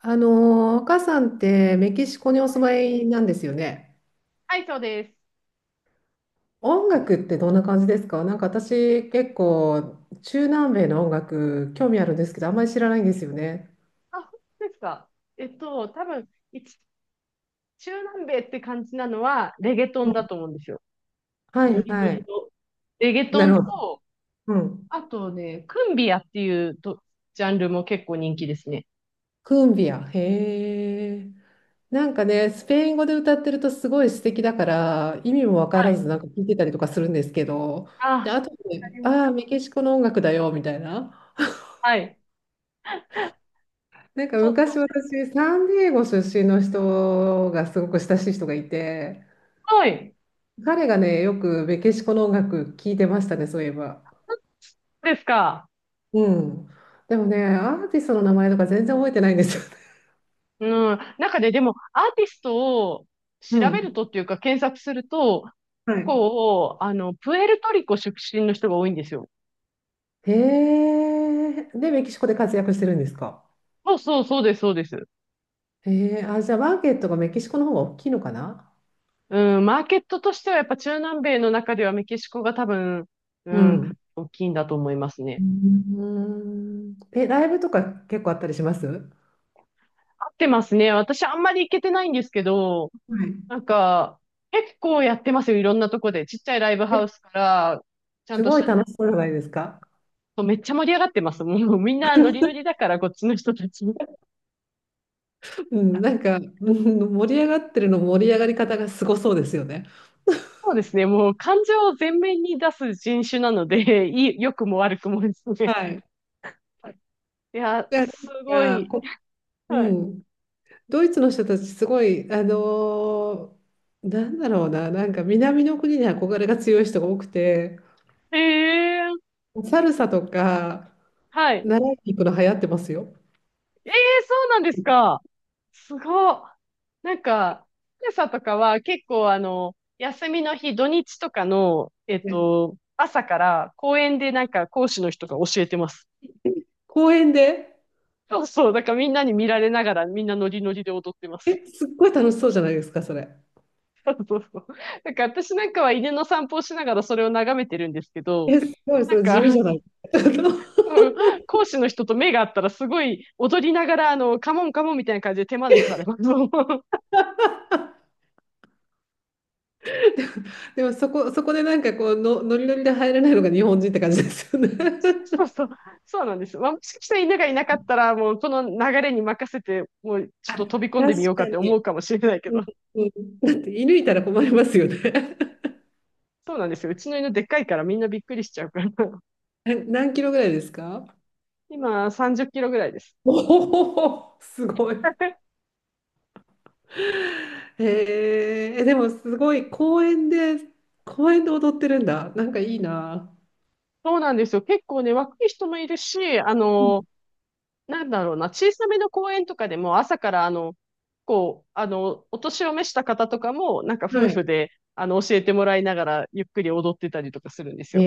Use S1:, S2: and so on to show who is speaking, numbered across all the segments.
S1: 赤さんってメキシコにお住まいなんですよね。
S2: はい、そうです。
S1: 音楽ってどんな感じですか？なんか私結構中南米の音楽興味あるんですけど、あんまり知らないんですよね。
S2: あ、本当ですか。多分、一、中南米って感じなのは、レゲトンだと思うんですよ。
S1: は
S2: ノ
S1: い
S2: リノ
S1: は
S2: リ
S1: い。
S2: の。レゲト
S1: なる
S2: ン
S1: ほど。
S2: と、
S1: うん。
S2: あとね、クンビアっていうと、ジャンルも結構人気ですね。
S1: クンビア。へえ。なんかね、スペイン語で歌ってるとすごい素敵だから、意味もわ
S2: は
S1: から
S2: い。
S1: ずなんか聞いてたりとかするんですけど、
S2: あ、
S1: で、
S2: わ
S1: あと
S2: か
S1: で、
S2: りま
S1: ああ
S2: す。
S1: ー、メキシコの音楽だよみたいな。
S2: はい。
S1: なんか
S2: そう
S1: 昔
S2: そ
S1: 私、サンディエゴ出身の人がすごく親しい人がいて、
S2: う。はい。
S1: 彼がね、よくメキシコの音楽聴いてましたね、そういえば。
S2: そうですか。
S1: うん。でもね、アーティストの名前とか全然覚えてないんですよね。
S2: うん。中で、でも、アーティストを
S1: う
S2: 調べる
S1: ん。
S2: とっていうか、検索すると、
S1: はい。
S2: こう、プエルトリコ出身の人が多いんですよ。
S1: へえ。で、メキシコで活躍してるんですか？
S2: そうそう、そうです、そうです。
S1: へえ。あ、じゃあマーケットがメキシコの方が大きいのかな。
S2: うん、マーケットとしてはやっぱ中南米の中ではメキシコが多分、う
S1: う
S2: ん、
S1: ん。
S2: 大きいんだと思いますね。
S1: うん。え、ライブとか結構あったりしますは
S2: 合ってますね。私あんまり行けてないんですけど、
S1: い。
S2: なんか、結構やってますよ。いろんなとこで。ちっちゃいライブハ
S1: え、
S2: ウスから、ちゃん
S1: す
S2: とし
S1: ごい
S2: た、
S1: 楽しそうじゃないですか。
S2: そうめっちゃ盛り上がってます。もうみんなノリノリだから、こっちの人たち。
S1: うん、なんか、うん、盛り上がってるの盛り上がり方がすごそうですよね。
S2: そうですね。もう感情を前面に出す人種なので、いい、良くも悪くもです
S1: は
S2: ね。
S1: い。
S2: いや、
S1: じゃあ、
S2: すご
S1: なん
S2: い。
S1: かこ、う
S2: はい。
S1: ん、ドイツの人たちすごい、ーなんだろうな、なんか南の国に憧れが強い人が多くて、
S2: ええ。
S1: サルサとか
S2: はい。
S1: 習いに行くの流行ってますよ。
S2: ええ、そうなんですか。すごっ。なんか、福とかは結構休みの日、土日とかの、
S1: ね、
S2: 朝から公園でなんか講師の人が教えてます。
S1: 公園で、
S2: そうそう。だからみんなに見られながらみんなノリノリで踊ってま
S1: え、
S2: す。
S1: すっごい楽しそうじゃないですか、それ。
S2: そうそうそう。なんか私なんかは犬の散歩をしながらそれを眺めてるんですけど、
S1: え、すごい、
S2: な
S1: そ
S2: ん
S1: れ
S2: か、
S1: 地味
S2: う
S1: じゃ
S2: ん、
S1: ない。
S2: 講師の人と目が合ったらすごい踊りながらカモンカモンみたいな感じで手招きされます。
S1: でもそこ、そこでなんかこうの、ノリノリで入れないのが日本人って感じですよね。
S2: そうそう、そうなんです。まあ、もしかしたら犬がいなかったら、もうこの流れに任せて、もうちょっと飛び込んで
S1: 確
S2: みよう
S1: か
S2: かって思
S1: に。
S2: うかもしれないけ
S1: う
S2: ど、
S1: ん、うん、だって射抜いたら困りますよね。
S2: そうなんですよ。うちの犬でっかいからみんなびっくりしちゃうから。
S1: な、何キロぐらいですか？
S2: 今、30キロぐらいです。
S1: おお、すごい。へえ、え、でもすごい公園で、公園で踊ってるんだ。なんかいいな。
S2: そうなんですよ。結構ね、若い人もいるし、
S1: うん、
S2: なんだろうな、小さめの公園とかでも朝から、こう、お年を召した方とかも、なんか夫
S1: はい。
S2: 婦で、教えてもらいながら、ゆっくり踊ってたりとかするんです
S1: え
S2: よ。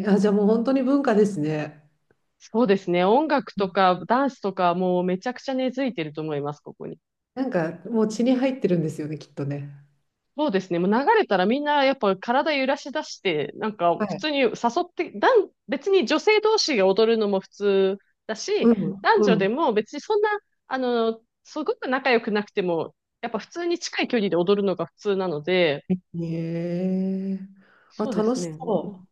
S1: え、あ、じゃあもう本当に文化ですね。
S2: そうですね。音楽とかダンスとかもうめちゃくちゃ根付いてると思います、ここに。
S1: なんかもう血に入ってるんですよね、きっとね。
S2: そうですね。もう流れたらみんなやっぱ体揺らし出して、なんか
S1: は
S2: 普
S1: い。
S2: 通に誘って、男別に女性同士が踊るのも普通だし、
S1: うん、
S2: 男
S1: う
S2: 女で
S1: ん。
S2: も別にそんな、すごく仲良くなくても、やっぱ普通に近い距離で踊るのが普通なので、
S1: ええ、あ、
S2: そうで
S1: 楽
S2: す
S1: し
S2: ね。
S1: そ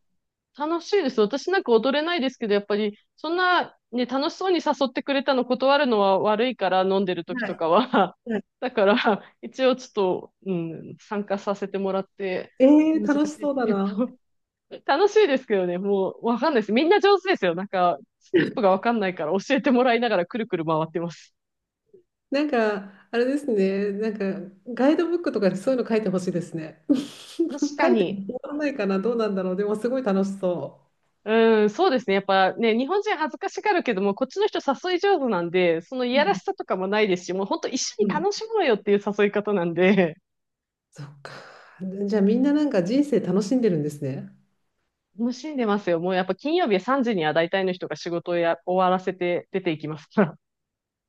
S2: 楽しいです。私なんか踊れないですけど、やっぱり、そんな、ね、楽しそうに誘ってくれたの断るのは悪いから、飲んでる
S1: う。
S2: 時
S1: は
S2: と
S1: い。
S2: かは。
S1: はい、
S2: だから、一応ちょっと、うん、参加させてもらって、
S1: ええ、
S2: 難しい
S1: 楽し
S2: で
S1: そ
S2: す
S1: うだ
S2: け
S1: な。
S2: ど。楽しいですけどね、もう、わかんないです。みんな上手ですよ。なんか、ステップがわかんないから、教えてもらいながらくるくる回ってます。
S1: なんか、あれですね、なんか、ガイドブックとかにそういうの書いてほしいですね。
S2: 確 か
S1: 書いて
S2: に。
S1: もらわないかな、どうなんだろう。でも、すごい楽しそ
S2: うん、そうですね。やっぱね、日本人恥ずかしがるけども、こっちの人誘い上手なんで、そのい
S1: う、う
S2: やらし
S1: ん、
S2: さとかもないですし、もう本当一緒に
S1: うん。
S2: 楽しもうよっていう誘い方なんで、
S1: そっか。じゃあ、みんななんか人生楽しんでるんですね。
S2: 楽しんでますよ。もうやっぱ金曜日3時には大体の人が仕事をや終わらせて出ていきますから。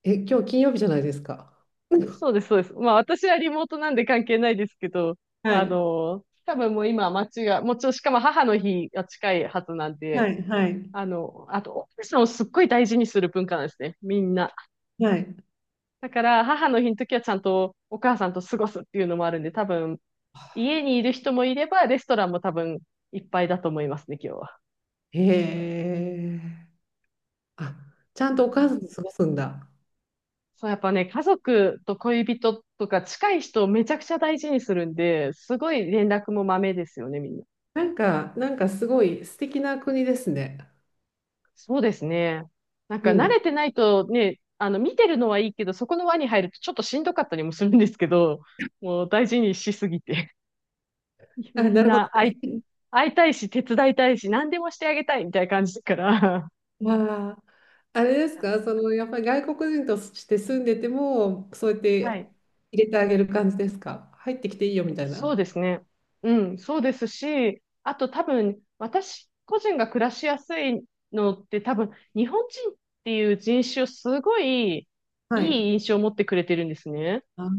S1: え、今日金曜日じゃないですか。
S2: そうです、そうです。まあ私はリモートなんで関係ないですけど、
S1: はい、
S2: 多分もう今街が、もうちろんしかも母の日が近いはずなん
S1: は
S2: で、
S1: い、はい、
S2: あと、奥さんをすっごい大事にする文化なんですね。みんな。
S1: はい。
S2: だから母の日の時はちゃんとお母さんと過ごすっていうのもあるんで、多分家にいる人もいれば、レストランも多分いっぱいだと思いますね、今日は。
S1: へえ。あ、ちゃ
S2: う
S1: ん
S2: ん
S1: とお
S2: う
S1: 母
S2: ん、
S1: さんと過ごすんだ。
S2: そう、やっぱね、家族と恋人とか近い人をめちゃくちゃ大事にするんで、すごい連絡もまめですよね、みんな。
S1: なんか、なんかすごい素敵な国ですね。
S2: そうですね。なん
S1: う
S2: か慣
S1: ん。
S2: れてないとね、見てるのはいいけど、そこの輪に入るとちょっとしんどかったりもするんですけど、もう大事にしすぎて。
S1: あ、
S2: み
S1: な
S2: ん
S1: るほ
S2: な
S1: ど。
S2: 会い、会いたいし、手伝いたいし、何でもしてあげたいみたいな感じだから。
S1: まあ、あれですか、そのやっぱり外国人として住んでても、そうやっ
S2: は
S1: て
S2: い。
S1: 入れてあげる感じですか？入ってきていいよみたい
S2: そう
S1: な。
S2: ですね。うん、そうですし、あと多分、私個人が暮らしやすいのって多分、日本人っていう人種をすごい
S1: はい。
S2: いい印象を持ってくれてるんですね。
S1: あ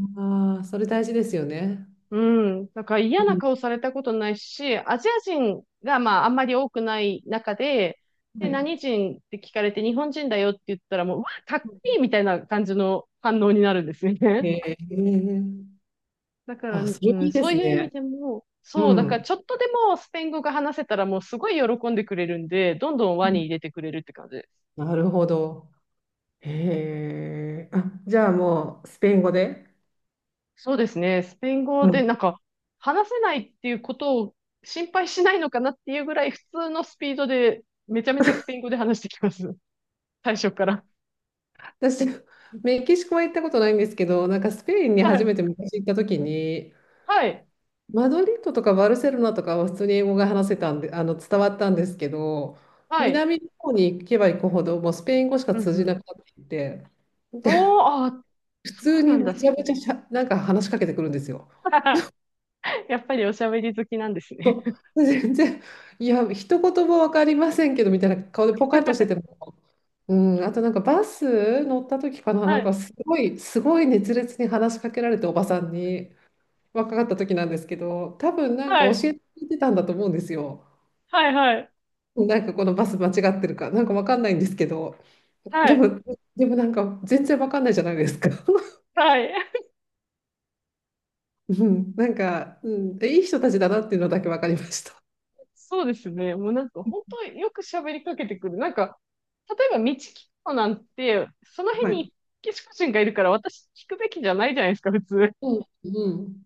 S1: あ、それ大事ですよね。
S2: うん。だから
S1: う
S2: 嫌な
S1: ん。
S2: 顔されたことないし、アジア人がまああんまり多くない中で、で、
S1: はい。
S2: 何人って聞かれて日本人だよって言ったらもう、うわ、かっこいいみたいな感じの反応になるんですよ
S1: へ
S2: ね。
S1: え。
S2: だから、
S1: あ、そ
S2: う
S1: れもい
S2: ん、
S1: いで
S2: そう
S1: す
S2: いう意味
S1: ね。
S2: でも、
S1: う
S2: そう、だから
S1: ん。
S2: ちょっとでもスペイン語が話せたらもうすごい喜んでくれるんで、どんどん
S1: う
S2: 輪に
S1: ん、
S2: 入れてくれるって感じです。
S1: なるほど。へえ。あ、じゃあもうスペイン語で。
S2: そうですね。スペイン語
S1: う
S2: で
S1: ん、
S2: なんか話せないっていうことを心配しないのかなっていうぐらい普通のスピードでめちゃめちゃスペイン語で話してきます。最初から。
S1: 私、メキシコは行ったことないんですけど、なんかスペインに
S2: は
S1: 初
S2: い。
S1: めて昔行った時に、
S2: はい。
S1: マドリッドとかバルセロナとかは普通に英語が話せたんで、あの、伝わったんですけど、
S2: はい。
S1: 南の方に行けば行くほど、もうスペイン語しか
S2: うん
S1: 通
S2: う
S1: じな
S2: ん。
S1: くなってきて、
S2: おー、あ、
S1: 普
S2: そ
S1: 通
S2: うな
S1: に
S2: んだ
S1: む
S2: っ
S1: ち
S2: す
S1: ゃむ
S2: ね。
S1: ちゃしゃ、なんか話しかけてくるんですよ。
S2: やっぱりおしゃべり好きなんですね。
S1: 全然、いや、一言も分かりませんけどみたいな顔でポカンとして ても、うん、あとなんかバス乗った時かな、な
S2: は
S1: んか
S2: い。
S1: すごい、すごい熱烈に話しかけられて、おばさんに、若かった時なんですけど、多分なんか
S2: はい。
S1: 教えてくれてたんだと思うんですよ。
S2: はい。はい。
S1: なんかこのバス間違ってるか、なんかわかんないんですけど、
S2: は
S1: で
S2: い。
S1: も、でもなんか全然わかんないじゃないですか。
S2: はい。
S1: うん、なんか、うん、いい人たちだなっていうのだけわかりました。
S2: そうですね。もうなんか本当よく喋りかけてくる。なんか、例えば道聞くのなんて、その
S1: は
S2: 辺
S1: い。
S2: にメキシコ人がいるから私聞くべきじゃないじゃないですか、普通。
S1: うん、う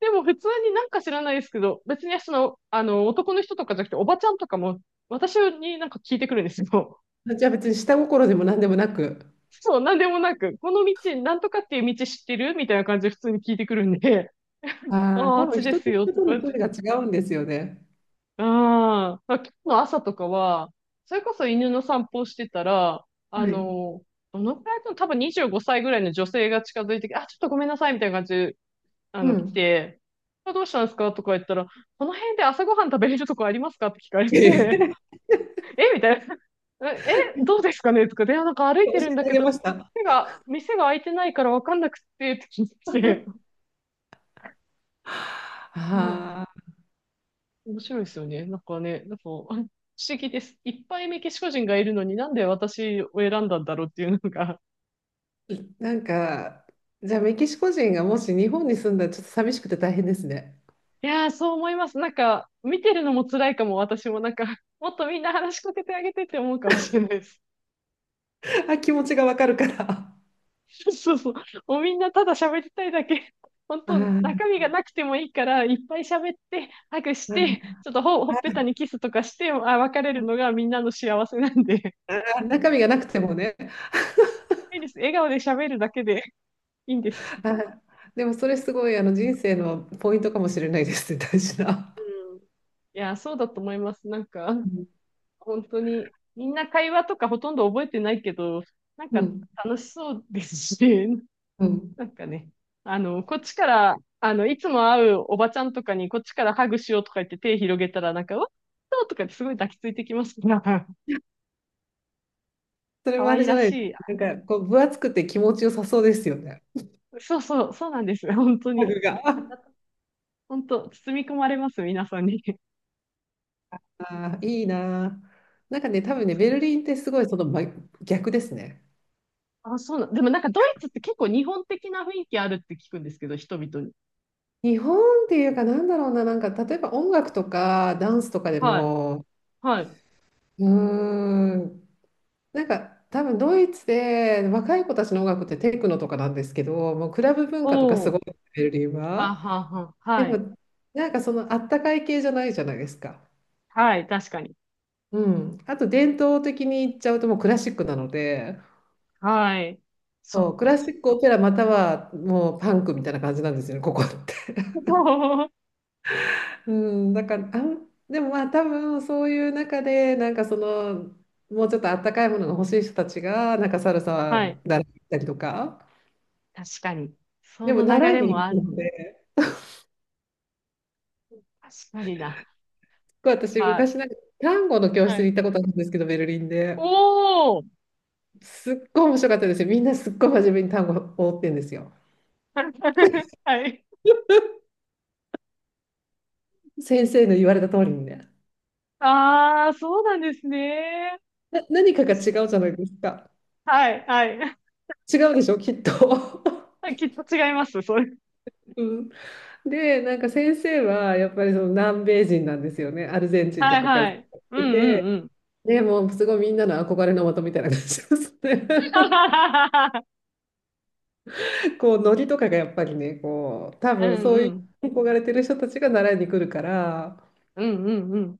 S2: でも普通になんか知らないですけど、別にその、男の人とかじゃなくて、おばちゃんとかも、私になんか聞いてくるんですよ。
S1: ん。じゃあ別に下心でも何でもなく、
S2: そう、なんでもなく、この道、なんとかっていう道知ってるみたいな感じで普通に聞いてくるんで、
S1: ああ、
S2: ああ、あ
S1: 多
S2: っ
S1: 分
S2: ちで
S1: 人
S2: す
S1: と
S2: よ、
S1: 人
S2: と
S1: と
S2: か
S1: の
S2: 言っ
S1: 距
S2: て。
S1: 離が違うんですよね。
S2: ああ、今日の朝とかは、それこそ犬の散歩をしてたら、あ
S1: はい。
S2: の、どのくらいの、多分25歳ぐらいの女性が近づいてきて、あ、ちょっとごめんなさい、みたいな感じで、
S1: う
S2: 来
S1: ん。
S2: て、あどうしたんですかとか言ったら、この辺で朝ごはん食べれるとこありますかって聞かれ て、
S1: 教
S2: えみたいな。え、えどうですかねとか、で、なんか歩い
S1: え
S2: て
S1: て
S2: るんだ
S1: あ
S2: け
S1: げ
S2: ど、
S1: ました。
S2: 店が開いてないからわかんなくて、って聞いて、も
S1: ああ、
S2: う面白いですよね。なんかね、なんか、不思議です。いっぱいメキシコ人がいるのになんで私を選んだんだろうっていうのが。
S1: なんか、じゃあメキシコ人がもし日本に住んだらちょっと寂しくて大変ですね。
S2: いやー、そう思います。なんか、見てるのも辛いかも、私もなんか、もっとみんな話しかけてあげてって思うかもしれないです。
S1: あ、気持ちがわかるから。あ
S2: そうそう。もうみんなただ喋りたいだけ。本当、
S1: あ。
S2: 中身がなくてもいいから、いっぱい喋って、ハグし
S1: はい、
S2: て、ちょっとほ、ほっぺたにキスとかして、あ、別れるのがみんなの幸せなんで。
S1: あー、中身がなくてもね。
S2: いいです。笑顔で喋るだけでいいんです。
S1: はい、でもそれすごいあの人生のポイントかもしれないですね、大事な。
S2: うん。いや、そうだと思います。なんか、
S1: うん、
S2: 本当に、みんな会話とかほとんど覚えてないけど、なん
S1: う
S2: か
S1: ん。
S2: 楽しそうですしね、
S1: うん、
S2: なんかね、こっちから、いつも会うおばちゃんとかに、こっちからハグしようとか言って手広げたら、なんか、わっそうとかってすごい抱きついてきますから、
S1: それ
S2: 可
S1: もあれ
S2: 愛
S1: じゃ
S2: ら
S1: ないです。
S2: しい。
S1: なんかこう分厚くて気持ちよさそうですよね。
S2: そうそう、そうなんです本当
S1: 家
S2: に。
S1: 具が。
S2: 本当、包み込まれます、皆さんに。
S1: ああー、いいなー。なんかね、多分ね、
S2: そ
S1: ベ
S2: う、
S1: ルリンってすごいその真逆ですね。
S2: あ、そうな、でもなんかドイツって結構日本的な雰囲気あるって聞くんですけど、人々に。
S1: 日本っていうかなんだろうな、なんか例えば音楽とかダンスとかで
S2: はい、
S1: も、
S2: はい。
S1: うーん、なんか多分ドイツで若い子たちの音楽ってテクノとかなんですけど、もうクラブ文
S2: お
S1: 化とかすごい
S2: お、
S1: ベルリン
S2: は
S1: は。
S2: はは、
S1: で
S2: はい、
S1: もなんかそのあったかい系じゃないじゃないですか。
S2: はい、確かに。
S1: うん。あと伝統的に言っちゃうともうクラシックなので、
S2: はい、そ
S1: そ
S2: っ
S1: う、クラ
S2: か。
S1: シックオペラまたはもうパンクみたいな感じなんですよね、ここって。うん、だから、あん、でもまあ多分そういう中でなんかそのもうちょっとあったかいものが欲しい人たちがなんかサルサ
S2: はい。
S1: 習ったりとか。
S2: 確かに。そ
S1: でも
S2: の流
S1: 習い
S2: れも
S1: に行
S2: ある
S1: く
S2: の。
S1: ので。
S2: 確かにな。
S1: 構私
S2: あ、
S1: 昔なんか単語の教室
S2: は
S1: に
S2: い。
S1: 行ったことあるんですけど、ベルリンで。
S2: おー。
S1: すっごい面白かったですよ。みんなすっごい真面目に単語を追ってんですよ。
S2: はい。
S1: 先生の言われた通りにね。
S2: ああ、そうなんですね。
S1: な、何か
S2: 面
S1: が違
S2: 白い。
S1: うじゃないですか。
S2: はい、は
S1: 違うでしょ、きっと。
S2: い。きっと違います、それ。
S1: うん、で、なんか先生はやっぱりその南米人なんですよね。アルゼンチン
S2: は
S1: と
S2: い、
S1: かから
S2: は
S1: 来
S2: い。うん、
S1: て
S2: うん、
S1: て。
S2: うん。
S1: でもうすごいみんなの憧れの的みたいな感じですね。こうノリとかがやっぱりね、こう多
S2: う
S1: 分
S2: ん、
S1: そう
S2: う
S1: い
S2: ん。
S1: う憧れてる人たちが習いに来るから、
S2: うん、うん、うん。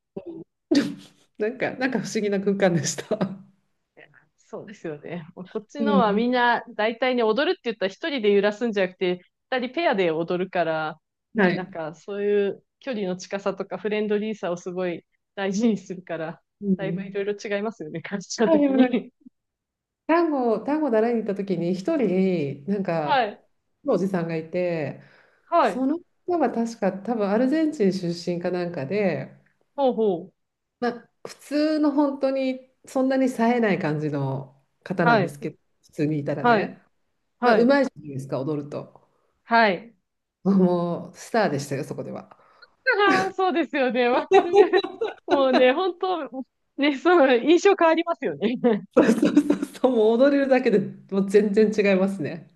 S1: なんか、なんか不思議な空間でした。
S2: そうですよね。もうこっち
S1: う
S2: のはみん
S1: ん。
S2: な大体ね、踊るって言ったら一人で揺らすんじゃなくて、二人ペアで踊るから、
S1: は
S2: ね、なん
S1: い。
S2: かそういう距離の近さとかフレンドリーさをすごい大事にするから、
S1: う
S2: だいぶいろ
S1: ん。
S2: いろ違いますよね、カルチャー
S1: はい、で
S2: 的
S1: もなんか、
S2: に。
S1: 単語、単語習いに行った時に、一人、なん
S2: は
S1: か、
S2: い。
S1: おじさんがいて、
S2: は
S1: そ
S2: い。
S1: の方は確か、多分アルゼンチン出身かなんかで、
S2: ほうほう。
S1: まあ、普通の本当に、そんなに冴えない感じの方な
S2: は
S1: んで
S2: い。
S1: すけど、普通にいたら
S2: はい。
S1: ね、
S2: はい。
S1: いいですか、踊ると。
S2: はい。
S1: もう、スターでしたよ、そこでは。
S2: ああ、そうですよね。わかる。もうね、本当ね、その印象変わりますよね。
S1: そうそうそうそう、もう踊れるだけでもう全然違いますね。